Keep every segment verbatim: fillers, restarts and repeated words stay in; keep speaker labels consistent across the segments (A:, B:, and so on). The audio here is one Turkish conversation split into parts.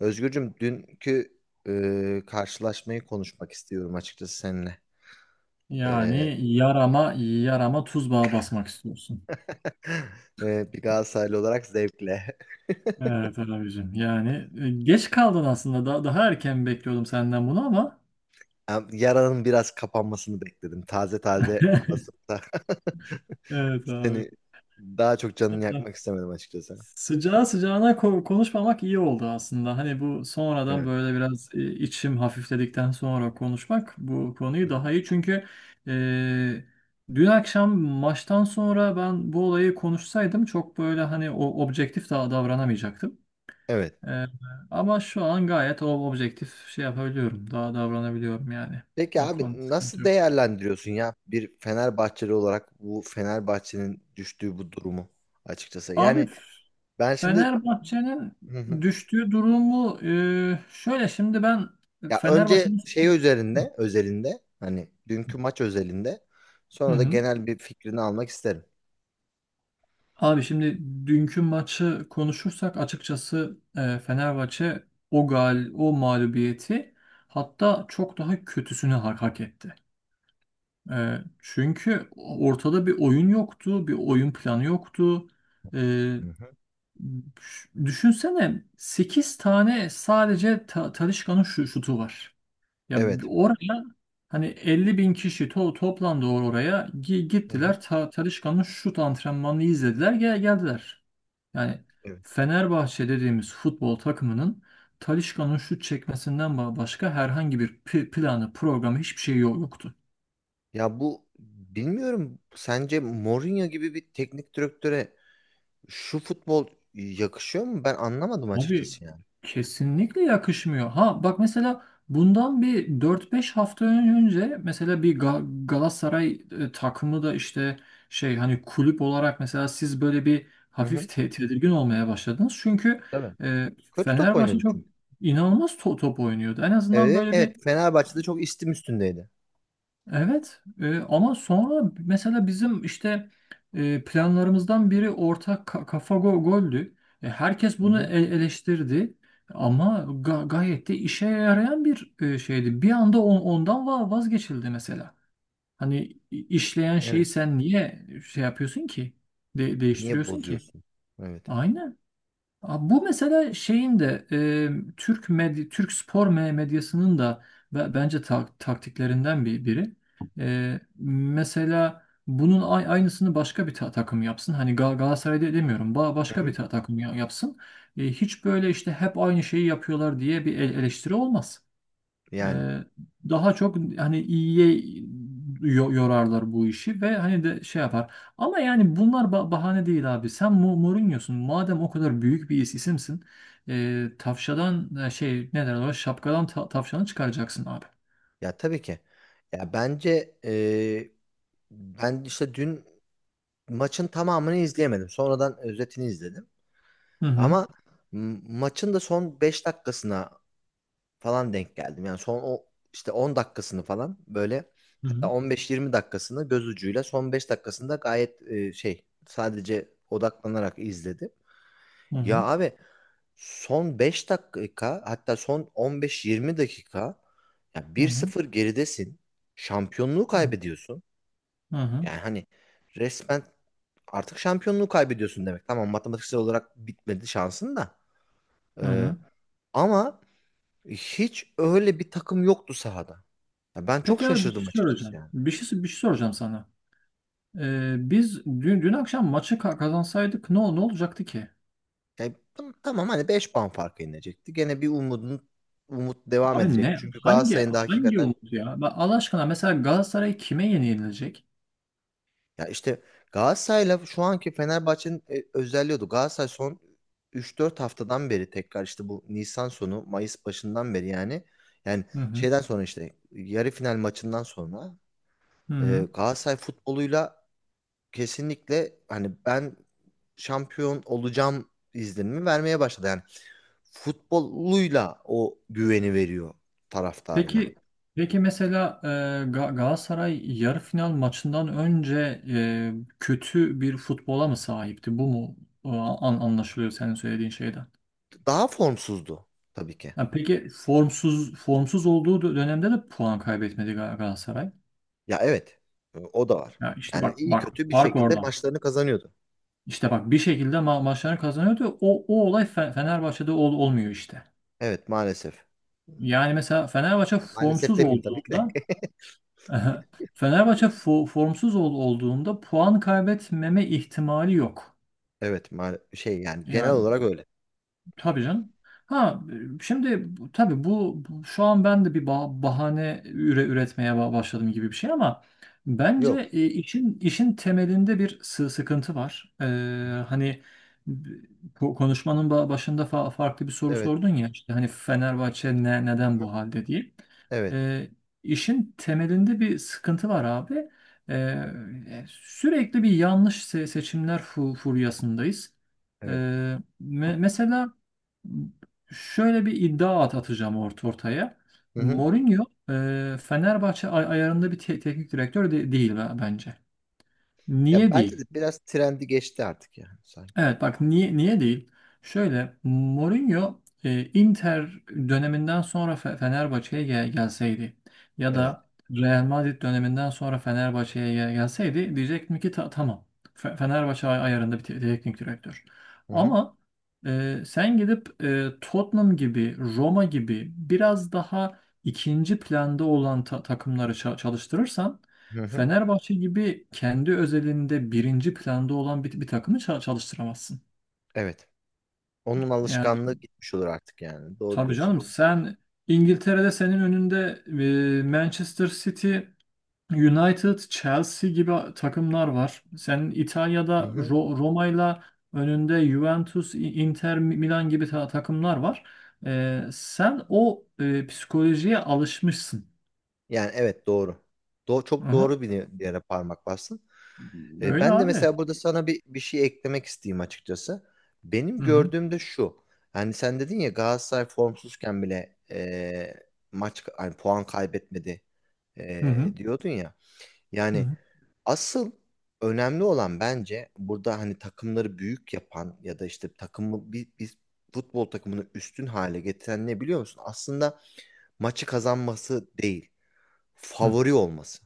A: Özgürcüm dünkü e, karşılaşmayı konuşmak istiyorum açıkçası seninle. E,
B: Yani yarama yarama tuz bağı basmak istiyorsun.
A: e, bir Galatasaraylı olarak zevkle.
B: Evet abicim. Yani e, geç kaldın aslında. Daha, daha erken bekliyordum senden bunu ama.
A: Am- Yaranın biraz kapanmasını bekledim. Taze taze basıp da
B: Evet abi.
A: seni daha çok canını
B: Vallahi,
A: yakmak istemedim açıkçası.
B: sıcağı sıcağına ko- konuşmamak iyi oldu aslında. Hani bu sonradan
A: Evet.
B: böyle biraz, e, içim hafifledikten sonra konuşmak bu
A: Hı
B: konuyu
A: hı.
B: daha iyi. Çünkü e, dün akşam maçtan sonra ben bu olayı konuşsaydım çok böyle hani o objektif daha davranamayacaktım.
A: Evet.
B: Ee, Ama şu an gayet o objektif şey yapabiliyorum. Daha davranabiliyorum yani.
A: Peki
B: O
A: abi,
B: konuda sıkıntı
A: nasıl
B: yok.
A: değerlendiriyorsun ya bir Fenerbahçeli olarak bu Fenerbahçe'nin düştüğü bu durumu açıkçası?
B: Abi,
A: Yani ben şimdi.
B: Fenerbahçe'nin düştüğü durumu e, şöyle şimdi ben
A: Ya önce
B: Fenerbahçe'nin...
A: şey
B: Hı
A: üzerinde, özelinde, hani dünkü maç özelinde
B: hı.
A: sonra da
B: Hı.
A: genel bir fikrini almak isterim.
B: Abi şimdi dünkü maçı konuşursak açıkçası, e, Fenerbahçe o gal o mağlubiyeti, hatta çok daha kötüsünü hak, hak etti. E, çünkü ortada bir oyun yoktu, bir oyun planı yoktu. E,
A: Hı hı.
B: Düşünsene, sekiz tane sadece Ta- Talisca'nın şu şutu var. Ya bi-
A: Evet.
B: oraya hani elli bin kişi to toplandı, or- oraya Gi-
A: Hı hı.
B: gittiler, Ta Talisca'nın şut antrenmanını izlediler, gel geldiler. Yani
A: Evet.
B: Fenerbahçe dediğimiz futbol takımının Talisca'nın şut çekmesinden ba- başka herhangi bir pi- planı programı hiçbir şey yo- yoktu.
A: Ya bu, bilmiyorum, sence Mourinho gibi bir teknik direktöre şu futbol yakışıyor mu? Ben anlamadım
B: Abi
A: açıkçası yani.
B: kesinlikle yakışmıyor. Ha bak, mesela bundan bir dört beş hafta önce mesela bir Ga- Galatasaray e, takımı da işte şey hani kulüp olarak mesela siz böyle bir
A: Hı hı.
B: hafif te- tedirgin olmaya başladınız. Çünkü
A: Tabii.
B: e,
A: Kötü top
B: Fenerbahçe
A: oynadı
B: çok
A: çünkü.
B: inanılmaz to- top oynuyordu. En azından
A: Evet,
B: böyle bir...
A: evet. Fenerbahçe'de çok istim üstündeydi.
B: Evet, e, ama sonra mesela bizim işte, e, planlarımızdan biri ortak ka- kafa go goldü. E, herkes
A: Hı
B: bunu e-
A: hı.
B: eleştirdi ama ga- gayet de işe yarayan bir, e, şeydi. Bir anda on- ondan va- vazgeçildi mesela. Hani i- işleyen şeyi
A: Evet.
B: sen niye şey yapıyorsun ki? De-
A: Niye
B: değiştiriyorsun ki?
A: bozuyorsun? Evet.
B: Aynen. Abi bu mesela şeyin de, e, Türk medya, Türk spor me- medyasının da be- bence ta- taktiklerinden bir biri. E, mesela bunun a- aynısını başka bir ta- takım yapsın. Hani Gal Galatasaray'da demiyorum. Ba-
A: Hı
B: başka bir
A: hı.
B: ta- takım ya- yapsın. E, hiç böyle işte hep aynı şeyi yapıyorlar diye bir el- eleştiri olmaz.
A: Yani.
B: Ee, Daha çok hani iyiye yo- yorarlar bu işi ve hani de şey yapar. Ama yani bunlar ba- bahane değil abi. Sen Mu- Mourinho'sun. Madem o kadar büyük bir is- isimsin, e, tavşadan, e, şey ne derler ona, şapkadan ta- tavşanı çıkaracaksın abi.
A: Ya tabii ki. Ya bence e, ben işte dün maçın tamamını izleyemedim. Sonradan özetini izledim.
B: Hı hı.
A: Ama m- maçın da son beş dakikasına falan denk geldim. Yani son o işte on dakikasını falan, böyle,
B: Hı
A: hatta
B: hı.
A: on beş yirmi dakikasını göz ucuyla, son beş dakikasında gayet e, şey, sadece odaklanarak izledim.
B: Hı
A: Ya
B: hı.
A: abi, son beş dakika, hatta son on beş yirmi dakika, ya
B: Hı hı.
A: bir sıfır geridesin. Şampiyonluğu kaybediyorsun.
B: Hı hı.
A: Yani hani resmen artık şampiyonluğu kaybediyorsun demek. Tamam, matematiksel olarak bitmedi şansın da.
B: Hı
A: Ee,
B: hı.
A: ama hiç öyle bir takım yoktu sahada. Ya ben çok
B: Peki abi, bir şey
A: şaşırdım açıkçası
B: soracağım.
A: yani.
B: Bir şey bir şey soracağım sana. Ee, biz dün dün akşam maçı ka- kazansaydık ne ol- ne olacaktı ki?
A: Yani tam- tamam, hani beş puan fark inecekti. Gene bir umudun umut devam
B: Abi
A: edecek.
B: ne?
A: Çünkü
B: Hangi
A: Galatasaray'ın da
B: hangi
A: hakikaten.
B: umut ya? Bak Allah aşkına, mesela Galatasaray kime yenilecek?
A: Ya işte Galatasaray'la şu anki Fenerbahçe'nin e, özelliği oydu. Galatasaray son üç dört haftadan beri, tekrar işte bu Nisan sonu Mayıs başından beri, yani yani
B: Hı hı.
A: şeyden sonra, işte yarı final maçından sonra,
B: Hı
A: e,
B: hı.
A: Galatasaray futboluyla kesinlikle hani ben şampiyon olacağım izlenimi vermeye başladı. Yani futboluyla o güveni veriyor taraftarına.
B: Peki peki mesela, e, Ga- Galatasaray yarı final maçından önce, e, kötü bir futbola mı sahipti? Bu mu e, an, anlaşılıyor senin söylediğin şeyden?
A: Daha formsuzdu tabii ki.
B: Ya peki, formsuz formsuz olduğu dö- dönemde de puan kaybetmedi Ga- Galatasaray.
A: Ya evet. e, O da var.
B: Ya işte
A: Yani
B: bak
A: iyi
B: bak,
A: kötü bir
B: fark
A: şekilde
B: orada.
A: maçlarını kazanıyordu.
B: İşte bak, bir şekilde ma maçlarını kazanıyordu. O, o olay Fe- Fenerbahçe'de ol olmuyor işte.
A: Evet, maalesef.
B: Yani mesela Fenerbahçe
A: Maalesef
B: formsuz
A: demeyeyim tabii ki de.
B: olduğunda Fenerbahçe fo- formsuz ol- olduğunda puan kaybetmeme ihtimali yok.
A: Evet, ma şey, yani genel
B: Yani.
A: olarak öyle.
B: Tabii canım. Ha, e, şimdi bu- tabii bu, bu- şu an ben de bir ba- bahane üre üretmeye ba- başladım gibi bir şey, ama bence,
A: Yok.
B: e, işin işin temelinde bir sı- sıkıntı var. Ee,
A: Hı hı.
B: hani bu konuşmanın ba- başında fa- farklı bir soru
A: Evet.
B: sordun ya işte, hani Fenerbahçe ne neden
A: Hı hı.
B: bu halde diye.
A: Evet.
B: Ee, işin temelinde bir sıkıntı var abi. Ee, sürekli bir yanlış se- seçimler fu- furyasındayız. Ee,
A: Evet.
B: me- Mesela şöyle bir iddia at atacağım ort ortaya.
A: Hı hı.
B: Mourinho, e, Fenerbahçe ay- ayarında bir te- teknik direktör de- değil be- bence.
A: Ya
B: Niye
A: bence
B: değil?
A: de biraz trendi geçti artık yani, sanki.
B: Evet bak, niye niye değil? Şöyle, Mourinho e, Inter döneminden sonra Fe- Fenerbahçe'ye gel- gelseydi ya
A: Evet.
B: da Real Madrid döneminden sonra Fenerbahçe'ye gel- gelseydi diyecektim ki "Ta- tamam, Fe- Fenerbahçe ay- ayarında bir te- teknik direktör."
A: Hı hı.
B: Ama e, sen gidip, e, Tottenham gibi, Roma gibi biraz daha ikinci planda olan ta- takımları ça- çalıştırırsan,
A: Hı hı.
B: Fenerbahçe gibi kendi özelinde birinci planda olan bir, bir takımı ça- çalıştıramazsın.
A: Evet. Onun
B: Yani
A: alışkanlığı gitmiş olur artık yani. Doğru
B: tabii
A: diyorsun.
B: canım, sen İngiltere'de senin önünde e, Manchester City, United, Chelsea gibi takımlar var. Senin
A: Hı
B: İtalya'da
A: hı.
B: Ro Roma'yla önünde Juventus, İ- Inter Milan gibi ta- takımlar var. E, sen o e, psikolojiye alışmışsın.
A: Yani evet, doğru. Do çok
B: Aha,
A: doğru bir yere parmak bastın. E,
B: öyle
A: ben de
B: abi.
A: mesela burada sana bir, bir şey eklemek isteyeyim açıkçası. Benim
B: Hı hı.
A: gördüğüm de şu. Hani sen dedin ya, Galatasaray formsuzken bile e, maç hani puan kaybetmedi
B: Hı
A: e,
B: hı.
A: diyordun ya.
B: Hı
A: Yani
B: hı.
A: asıl önemli olan, bence, burada hani takımları büyük yapan ya da işte takımı, bir, bir futbol takımını üstün hale getiren ne, biliyor musun? Aslında maçı kazanması değil,
B: Hı.
A: favori olması.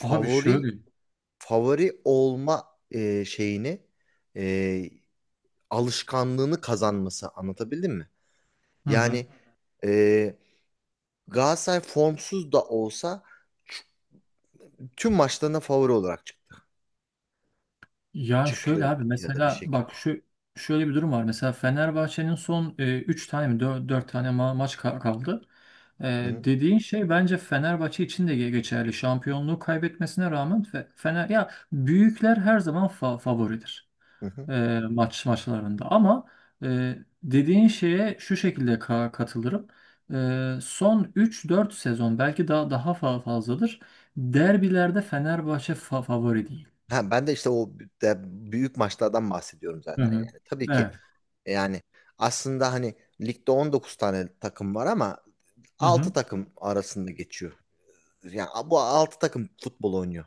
B: Abi şöyle.
A: favori olma e, şeyini, e, alışkanlığını kazanması, anlatabildim mi?
B: Hı hı.
A: Yani e, Galatasaray formsuz da olsa ç- tüm maçlarına favori olarak çıktı.
B: Ya şöyle
A: Çıkıyor
B: abi,
A: ya da bir
B: mesela
A: şekilde.
B: bak şu şöyle bir durum var. Mesela Fenerbahçe'nin son üç tane mi dört tane ma- maç ka- kaldı. E,
A: Hı
B: dediğin şey bence Fenerbahçe için de ge- geçerli. Şampiyonluğu kaybetmesine rağmen Fe- Fener, ya büyükler her zaman fa- favoridir
A: hı. Hı.
B: e, maç maçlarında. Ama e, dediğin şeye şu şekilde ka- katılırım. E, son üç dört sezon, belki daha daha fa- fazladır. Derbilerde Fenerbahçe fa- favori değil.
A: Ha, ben de işte o de büyük maçlardan bahsediyorum
B: Hı
A: zaten
B: hı.
A: yani. Tabii ki
B: Evet.
A: e, yani, aslında hani ligde on dokuz tane takım var ama
B: Hı hı.
A: altı takım arasında geçiyor. Yani bu altı takım futbol oynuyor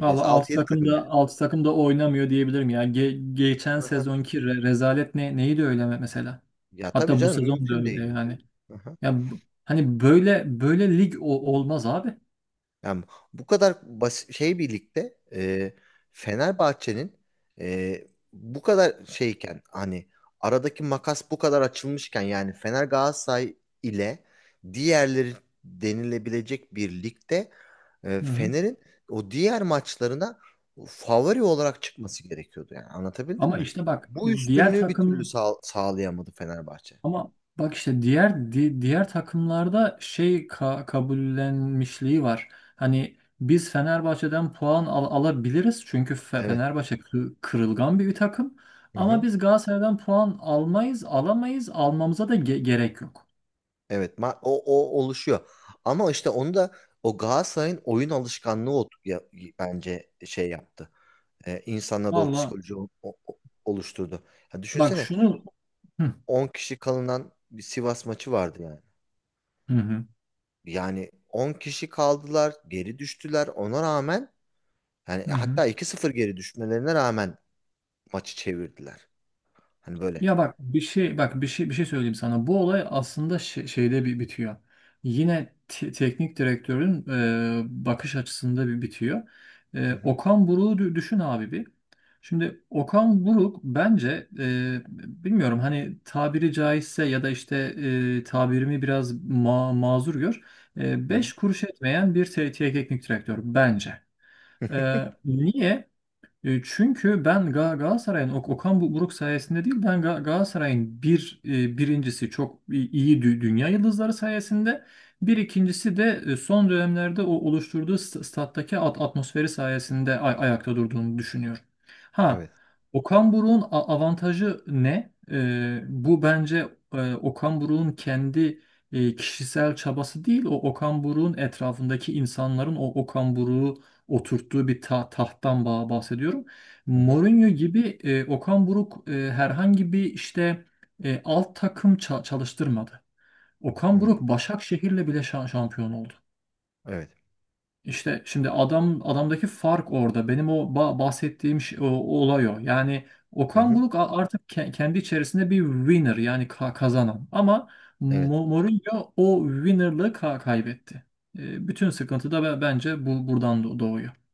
B: Valla,
A: altı
B: altı
A: yedi
B: takım
A: takım yani.
B: da altı takım da oynamıyor diyebilirim ya. Ge- geçen
A: Aha,
B: sezonki re- rezalet ne neydi öyle me- mesela?
A: ya tabii
B: Hatta bu
A: canım,
B: sezon da
A: mümkün
B: öyle
A: değil. Yani,
B: yani.
A: aha.
B: Ya bu- hani böyle böyle lig o- olmaz abi.
A: Yani bu kadar basit şey birlikte, e, Fenerbahçe'nin e, bu kadar şeyken, hani aradaki makas bu kadar açılmışken, yani Fener Galatasaray ile diğerleri denilebilecek bir ligde, e,
B: Hı hı.
A: Fener'in o diğer maçlarına favori olarak çıkması gerekiyordu, yani anlatabildim
B: Ama
A: mi?
B: işte bak
A: Bu
B: diğer
A: üstünlüğü bir türlü
B: takım
A: sağ- sağlayamadı Fenerbahçe.
B: Ama bak işte diğer di- diğer takımlarda şey ka- kabullenmişliği var. Hani biz Fenerbahçe'den puan al- alabiliriz çünkü Fe-
A: Evet.
B: Fenerbahçe kı- kırılgan bir takım.
A: Hı
B: Ama
A: hı.
B: biz Galatasaray'dan puan almayız, alamayız, almamıza da ge- gerek yok.
A: Evet, ma- o, o oluşuyor. Ama işte onu da o Galatasaray'ın oyun alışkanlığı o, ya- bence şey yaptı. Ee, insanlarda o
B: Valla,
A: psikoloji o- o- oluşturdu. Ya
B: bak
A: düşünsene,
B: şunu. Hı
A: on kişi kalınan bir Sivas maçı vardı yani.
B: hı hı.
A: Yani on kişi kaldılar, geri düştüler. Ona rağmen, yani
B: Hı hı.
A: hatta iki sıfır geri düşmelerine rağmen, maçı çevirdiler. Hani böyle.
B: Ya bak, bir şey bak bir şey bir şey söyleyeyim sana. Bu olay aslında şe- şeyde bir bitiyor. Yine te- teknik direktörün e, bakış açısında bir bitiyor.
A: Hı
B: E,
A: hı.
B: Okan Buruk'u dü- düşün abi bir. Şimdi Okan Buruk bence, e, bilmiyorum hani, tabiri caizse ya da işte e, tabirimi biraz ma- mazur gör. E,
A: Hı hı.
B: beş kuruş etmeyen bir te- teknik direktör bence. E, niye? E, Çünkü ben Ga- Galatasaray'ın Ok- Okan Bu- Buruk sayesinde değil, ben Ga- Galatasaray'ın bir, e, birincisi çok i- iyi dü- dünya yıldızları sayesinde, bir ikincisi de e, son dönemlerde o oluşturduğu st- stat'taki at- atmosferi sayesinde ay- ayakta durduğunu düşünüyorum. Ha,
A: Evet.
B: Okan Buruk'un a- avantajı ne? E, bu bence, e, Okan Buruk'un kendi, e, kişisel çabası değil, o Okan Buruk'un etrafındaki insanların o Okan Buruk'u oturttuğu bir ta- tahttan ba- bahsediyorum.
A: Hı hı.
B: Mourinho gibi, e, Okan Buruk e, herhangi bir işte, e, alt takım ça- çalıştırmadı. Okan Buruk
A: Hı.
B: Başakşehir'le bile şa- şampiyon oldu.
A: Evet.
B: İşte şimdi adam adamdaki fark orada. Benim o ba- bahsettiğim şey, o, o olay o. Yani
A: Hı
B: Okan
A: hı.
B: Buruk a- artık ke- kendi içerisinde bir winner, yani ka- kazanan. Ama
A: Evet.
B: Mo- Mourinho o winnerlığı ka- kaybetti. E, Bütün sıkıntı da be- bence bu buradan doğuyor.